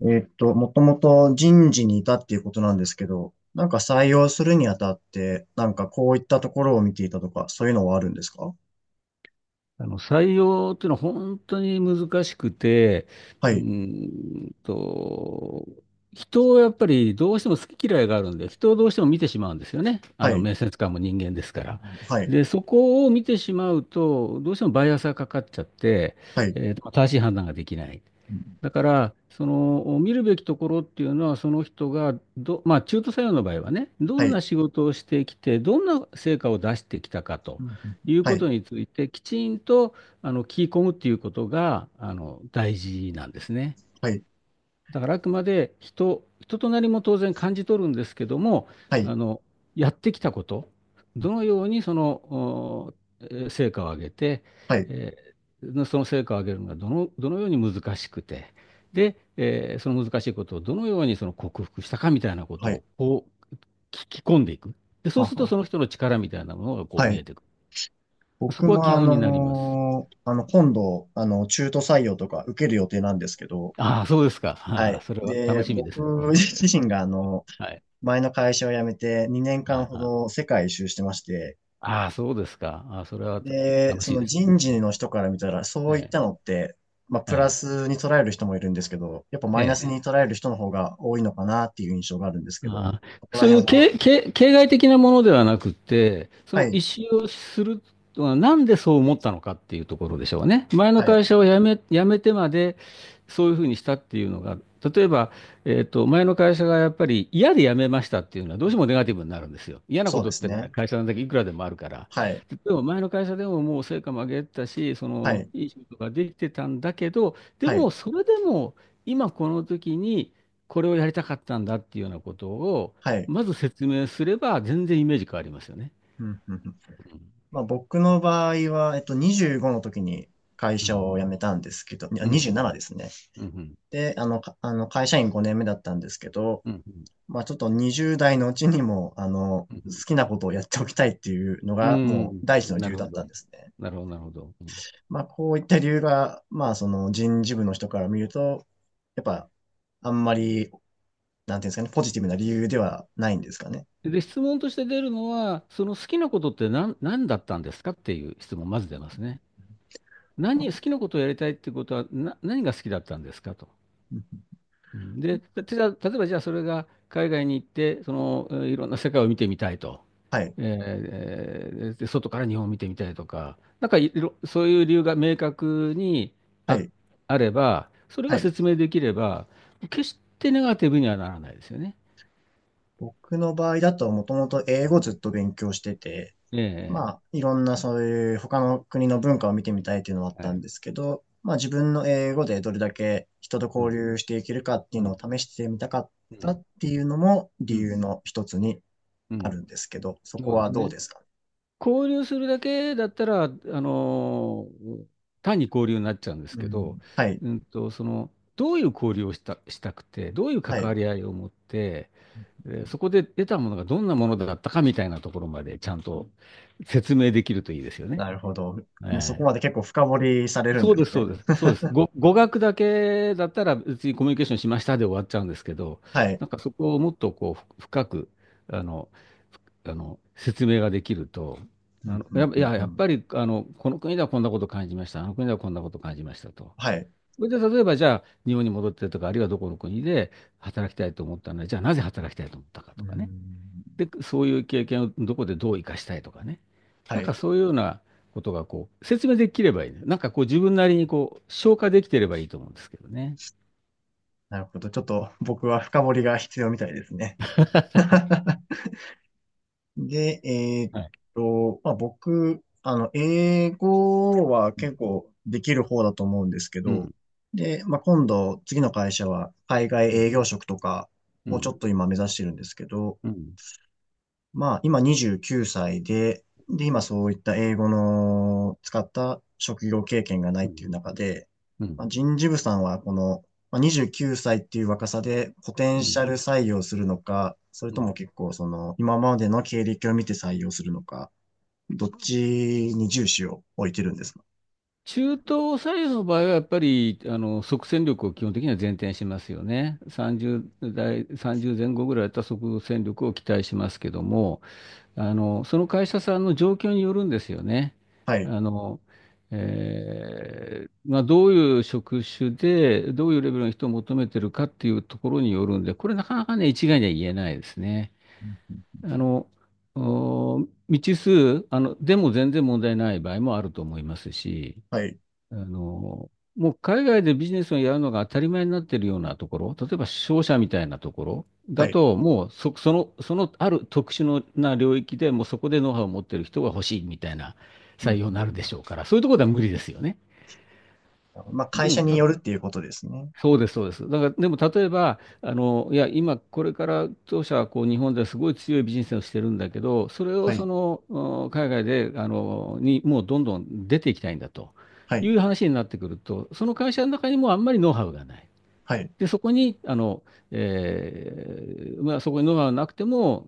もともと人事にいたっていうことなんですけど、なんか採用するにあたって、なんかこういったところを見ていたとか、そういうのはあるんですか？あの採用っていうのは本当に難しくて、はうーい。んと、人をやっぱりどうしても好き嫌いがあるんで、人をどうしても見てしまうんですよね。あはのい。面接官も人間ですから。はい。で、そこを見てしまうと、どうしてもバイアスがかかっちゃって、はい。正しい判断ができない。うん。だから、その見るべきところっていうのは、その人がど、まあ、中途採用の場合はね、どはんない。仕事をしてきて、どんな成果を出してきたかうとん。いうはこい、とについて、きちんとあの聞き込むっていうことがあの大事なんですね。はい。だからあくまで人となりも当然感じ取るんですけども、はい。あの、やってきたこと、どのようにその、成果を上げて、はい。えーその成果を上げるのがどのように難しくて、で、その難しいことをどのようにその克服したかみたいなこはとい。をこう聞き込んでいく。で、そはうするとは。その人の力みたいなものがこうは見い。えてくる。そ僕こはも基本になります。今度、中途採用とか受ける予定なんですけど、ああ、そうですはか。い。それは楽で、しみで僕すね。自身がはい。前の会社を辞めて2年は間いほはい、ど世界一周してまして、ああ、そうですか。ああ、それはたで、楽そしいのですね。人事の人から見たら、そえういっえ、たのって、まあ、プラえスに捉える人もいるんですけど、やっぱえ、マイナえスに捉える人の方が多いのかなっていう印象があるんですけど、ああ、ここらそういう辺は、形骸的なものではなくて、そはの意い。思をするのはなんでそう思ったのかっていうところでしょうね。前のはい。会社を辞め、辞めてまでそういうふうにしたっていうのが、例えば、前の会社がやっぱり嫌で辞めましたっていうのはどうしてもネガティブになるんですよ。嫌なこそうでとっすてね、ね。会社なんだけいくらでもあるから。はい。でも前の会社でももう成果も上げてたし、そはのい。いい仕事ができてたんだけど、ではい。もそれでも今この時に、これをやりたかったんだっていうようなことを、はい。まず説明すれば全然イメージ変わりますよね。うん。うん。うん。まあ、僕の場合は、25の時に会う社を辞ん。めたんですけど、いやうん。う27ん。ですね。うん。で、あの、かあの会社員5年目だったんですけど、うん。うん。まあちょっと20代のうちにも、好きなことをやっておきたいっていうのうが、ん。うもうん、第一のな理由るほだったど。んですね。なるほど、なるほど。うん。まあこういった理由が、まあその人事部の人から見ると、やっぱ、あんまり、なんていうんですかね、ポジティブな理由ではないんですかね。で、質問として出るのは、その好きなことって何だったんですかっていう質問、まず出ますね。あ、好きなことをやりたいってことは、何が好きだったんですかと。うん。で、たじゃあ例えばじゃあそれが海外に行って、その、いろんな世界を見てみたいと。はい。えで、外から日本を見てみたいとか、なんかいろ、そういう理由が明確にはあ、い。あれば、それはがい。説明できれば、決してネガティブにはならないですよね。僕の場合だともともと英語ずっと勉強してて、ええ。まあ、いろんなそういう他の国の文化を見てみたいっていうのはあっはたんい。ですけど、まあ自分の英語でどれだけ人とう交ん、流していけるかっていううのをん、試してみたかっうたん、っていうのもう理ん、由の一つにうあん。るんですけど、そこそうではすどうね。ですか？交流するだけだったら、のー単に交流になっちゃうんですうけん。ど、はい。その、どういう交流をした、したくて、どういうは関わい。り合いを持って、で、そこで得たものがどんなものだったかみたいなところまでちゃんと説明できるといいですよね。なるほど。もうそこええ、まで結構深掘りされるんそでうですす、そね。うです、そうです。語学だけだったら別にコミュニケーションしましたで終わっちゃうんですけど、はい。なんかそこをもっとこう深く、あの、あの説明ができると、うあん。の、うや、ん。ういん。や、うやっん。ぱりあの、この国ではこんなこと感じました、あの国ではこんなこと感じましたと。はい。それで例えばじゃあ日本に戻ってとか、あるいはどこの国で働きたいと思ったので、じゃあなぜ働きたいと思ったかうとかね。ん。で、そういう経験をどこでどう生かしたいとかね。はなんい。かそういうようなことがこう、説明できればいいね。なんかこう自分なりにこう、消化できてればいいと思うんですけどね。なるほど。ちょっと僕は深掘りが必要みたいですね。で、はい。まあ、僕、英語はうん。結構できる方だと思うんですけうど、ん。で、まあ、今度、次の会社は海外うん。営業職とかうをちょん。っと今目指してるんですけど、うん。まあ、今29歳で、で、今そういった英語の使った職業経験がないうっん。ていう中で、うまあ、人事部さんはこの、まあ、29歳っていう若さでポテンん。シャル採用するのか、それうともん。結構その今までの経歴を見て採用するのか、どっちに重視を置いてるんですか？中東左右の場合はやっぱり、あの、即戦力を基本的には前提にしますよね。30代、30前後ぐらいだったら即戦力を期待しますけども、あの、その会社さんの状況によるんですよね。はい。あの、まあ、どういう職種で、どういうレベルの人を求めてるかっていうところによるんで、これなかなかね、一概には言えないですね。あの、お未知数、あの、でも全然問題ない場合もあると思いますし、はい。あの、もう海外でビジネスをやるのが当たり前になっているようなところ、例えば商社みたいなところはだい。と、もうそ、その、そのある特殊のな領域でもうそこでノウハウを持っている人が欲しいみたいなうん。採用うになん。るうでしょうから、そういうところでは無理ですよね。ん。まあ、で会社も、によるっていうことですね。そうです、そうです。だから、でも例えば、あの、いや、今、これから当社はこう日本ですごい強いビジネスをしてるんだけど、それをはそい。の海外で、もうどんどん出ていきたいんだとはいい。う話になってくると、その会社の中にもうあんまりノウハウがない。はい。で、そこに、あの、まあ、そこにノウハウなくても、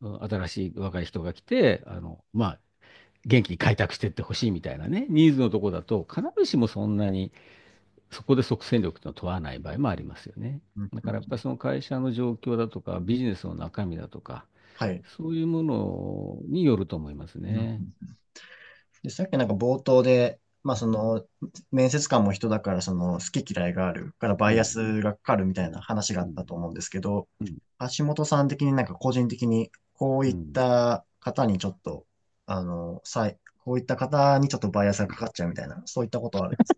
うん、新しい若い人が来て、あの、まあ、元気に開拓していってほしいみたいなね、ニーズのとこだと、必ずしもそんなに。そこで即戦力というのを問わない場合もありますよね。うん。だうからやっぱん。りその会社の状況だとか、ビジネスの中身だとか、はい。そういうものによると思いますうん。うね。ん。で、さっきなんか冒頭で、まあその、面接官も人だからその好き嫌いがあるからバうイアん。スがかかるみたういなん。話があうったん。と思うんですけど、う橋本さん的になんか個人的にこういっん。た方にちょっと、こういった方にちょっとバイアスうがかん。かっちゃうみたいな、そういったことはあるんです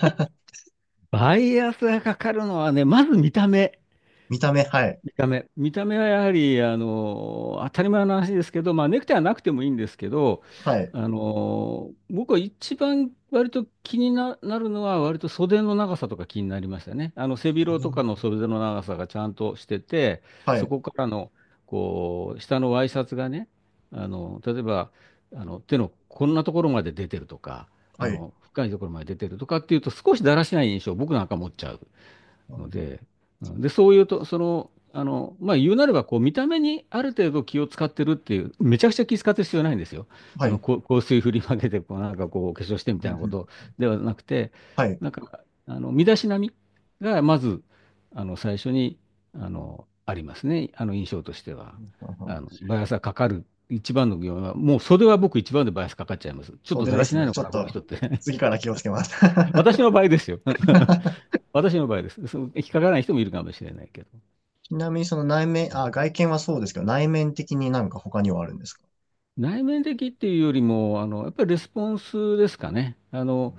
か？ バイアスがかかるのはね、まず見た目。見た目。はい。見た目。見た目はやはり、あの、当たり前の話ですけど、まあ、ネクタイはなくてもいいんですけど、はい。あの、僕は一番割と気にな、なるのは、割と袖の長さとか気になりましたね。あの、背広とかの袖の長さがちゃんとしてて、はそい。こからの、こう、下のワイシャツがね、あの、例えば、あの、手のこんなところまで出てるとか、あはい。の、深いところまで出てるとかっていうと、少しだらしない印象を僕なんか持っちゃう。ので、で、そういうと、その、あの、まあ、言うなれば、こう、見た目にある程度気を使ってるっていう、めちゃくちゃ気使ってる必要ないんですよ。はあの、い。こう香水振りまけて、こう、なんかこう、お化粧してみたいなことではなくて、はい。なんか、あの、身だしなみが、まず、あの、最初に、あの、ありますね。あの、印象としては。あの、バイアスがかかる。一番の要因は、もう袖は僕一番でバイアスかかっちゃいます。ちょっと袖だでらしすないね。のちょかっな、このと人って。次から気をつけます。私の場合ですよ。私の場合です。その引っかからない人もいるかもしれないけど。ちなみにその内は面、い。あ、外見はそうですけど、内面的になんか他にはあるんですか？内面的っていうよりも、あの、やっぱりレスポンスですかね。あの、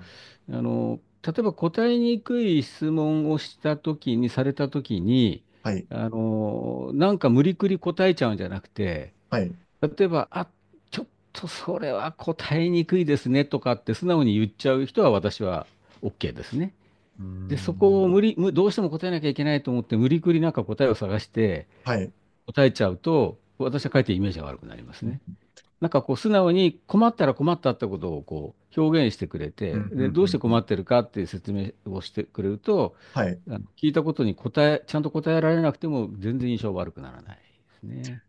あの、例えば答えにくい質問をしたときに、されたときに、はい。あの、なんか無理くり答えちゃうんじゃなくて、はい。う例えば、ちょっとそれは答えにくいですねとかって素直に言っちゃう人は私は OK ですね。ーで、そこをん。無理、むどうしても答えなきゃいけないと思って、無理くりなんか答えを探して、はい。答えちゃうと、私はかえってイメージが悪くなりますうね。ん。なんかこう素直に困ったら困ったってことをこう表現してくれうん。て、うで、どうしん。てう困ん。ってるかっていう説明をしてくれると、はい。あの聞いたことに答え、ちゃんと答えられなくても全然印象悪くならないですね。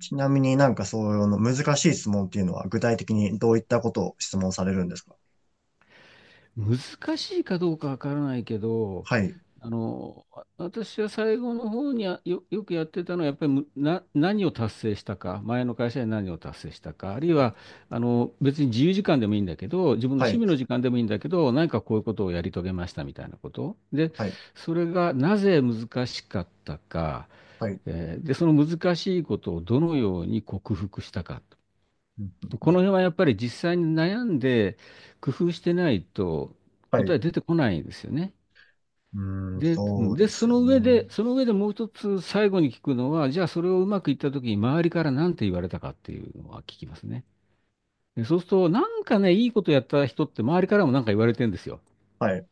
ちなみになんかそういうの難しい質問っていうのは具体的にどういったことを質問されるんですか？難しいかどうかわからないけど、はい。あの、私は最後の方によくやってたのは、やっぱり何を達成したか、前の会社で何を達成したか、あるいは、あの、別に自由時間でもいいんだけど、自分のは趣い。味の時間でもいいんだけど、何かこういうことをやり遂げましたみたいなこと。で、はい。それがなぜ難しかったか、はい。で、その難しいことをどのように克服したか。うん。この辺はやっぱり実際に悩んで工夫してないとはい。答うえ出てこないんですよね。ーん、で、そうですね。その上でもう一つ最後に聞くのは、じゃあそれをうまくいった時に周りから何て言われたかっていうのは聞きますね。で、そうすると、なんかね、いいことやった人って周りからも何か言われてるんですよ。はい。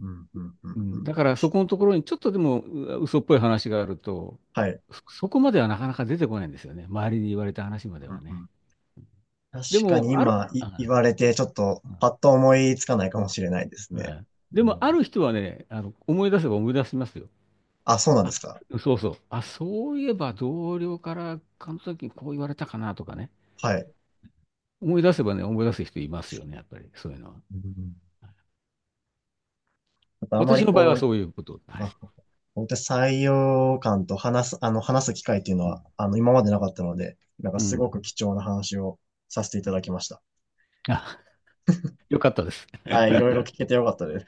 うん。うん。ううん。うん、ん。だからそこのところにちょっとでもう嘘っぽい話があると、はい。そこまではなかなか出てこないんですよね。周りに言われた話までうはん。うね。ん。確でかも、にある、今言あわれてちょっとパッと思いつかないかもしれないですね。ええ。でうも、あん。る人はね、あの、思い出せば思い出しますよ。あ、そうなんであ、すか？そうそう。あ、そういえば同僚からあの時こう言われたかなとかね。はい。思い出せばね、思い出す人いますよね、やっぱり、そういうのは。うん、あとあま私りの場合こはそう、ういうこと。はい。あ、本当に採用官と話す機会っていうのうん。は、今までなかったので、なんかうすごん。く貴重な話をさせていただきました。あ、よかったです。はい、いろいろ聞けてよかったです。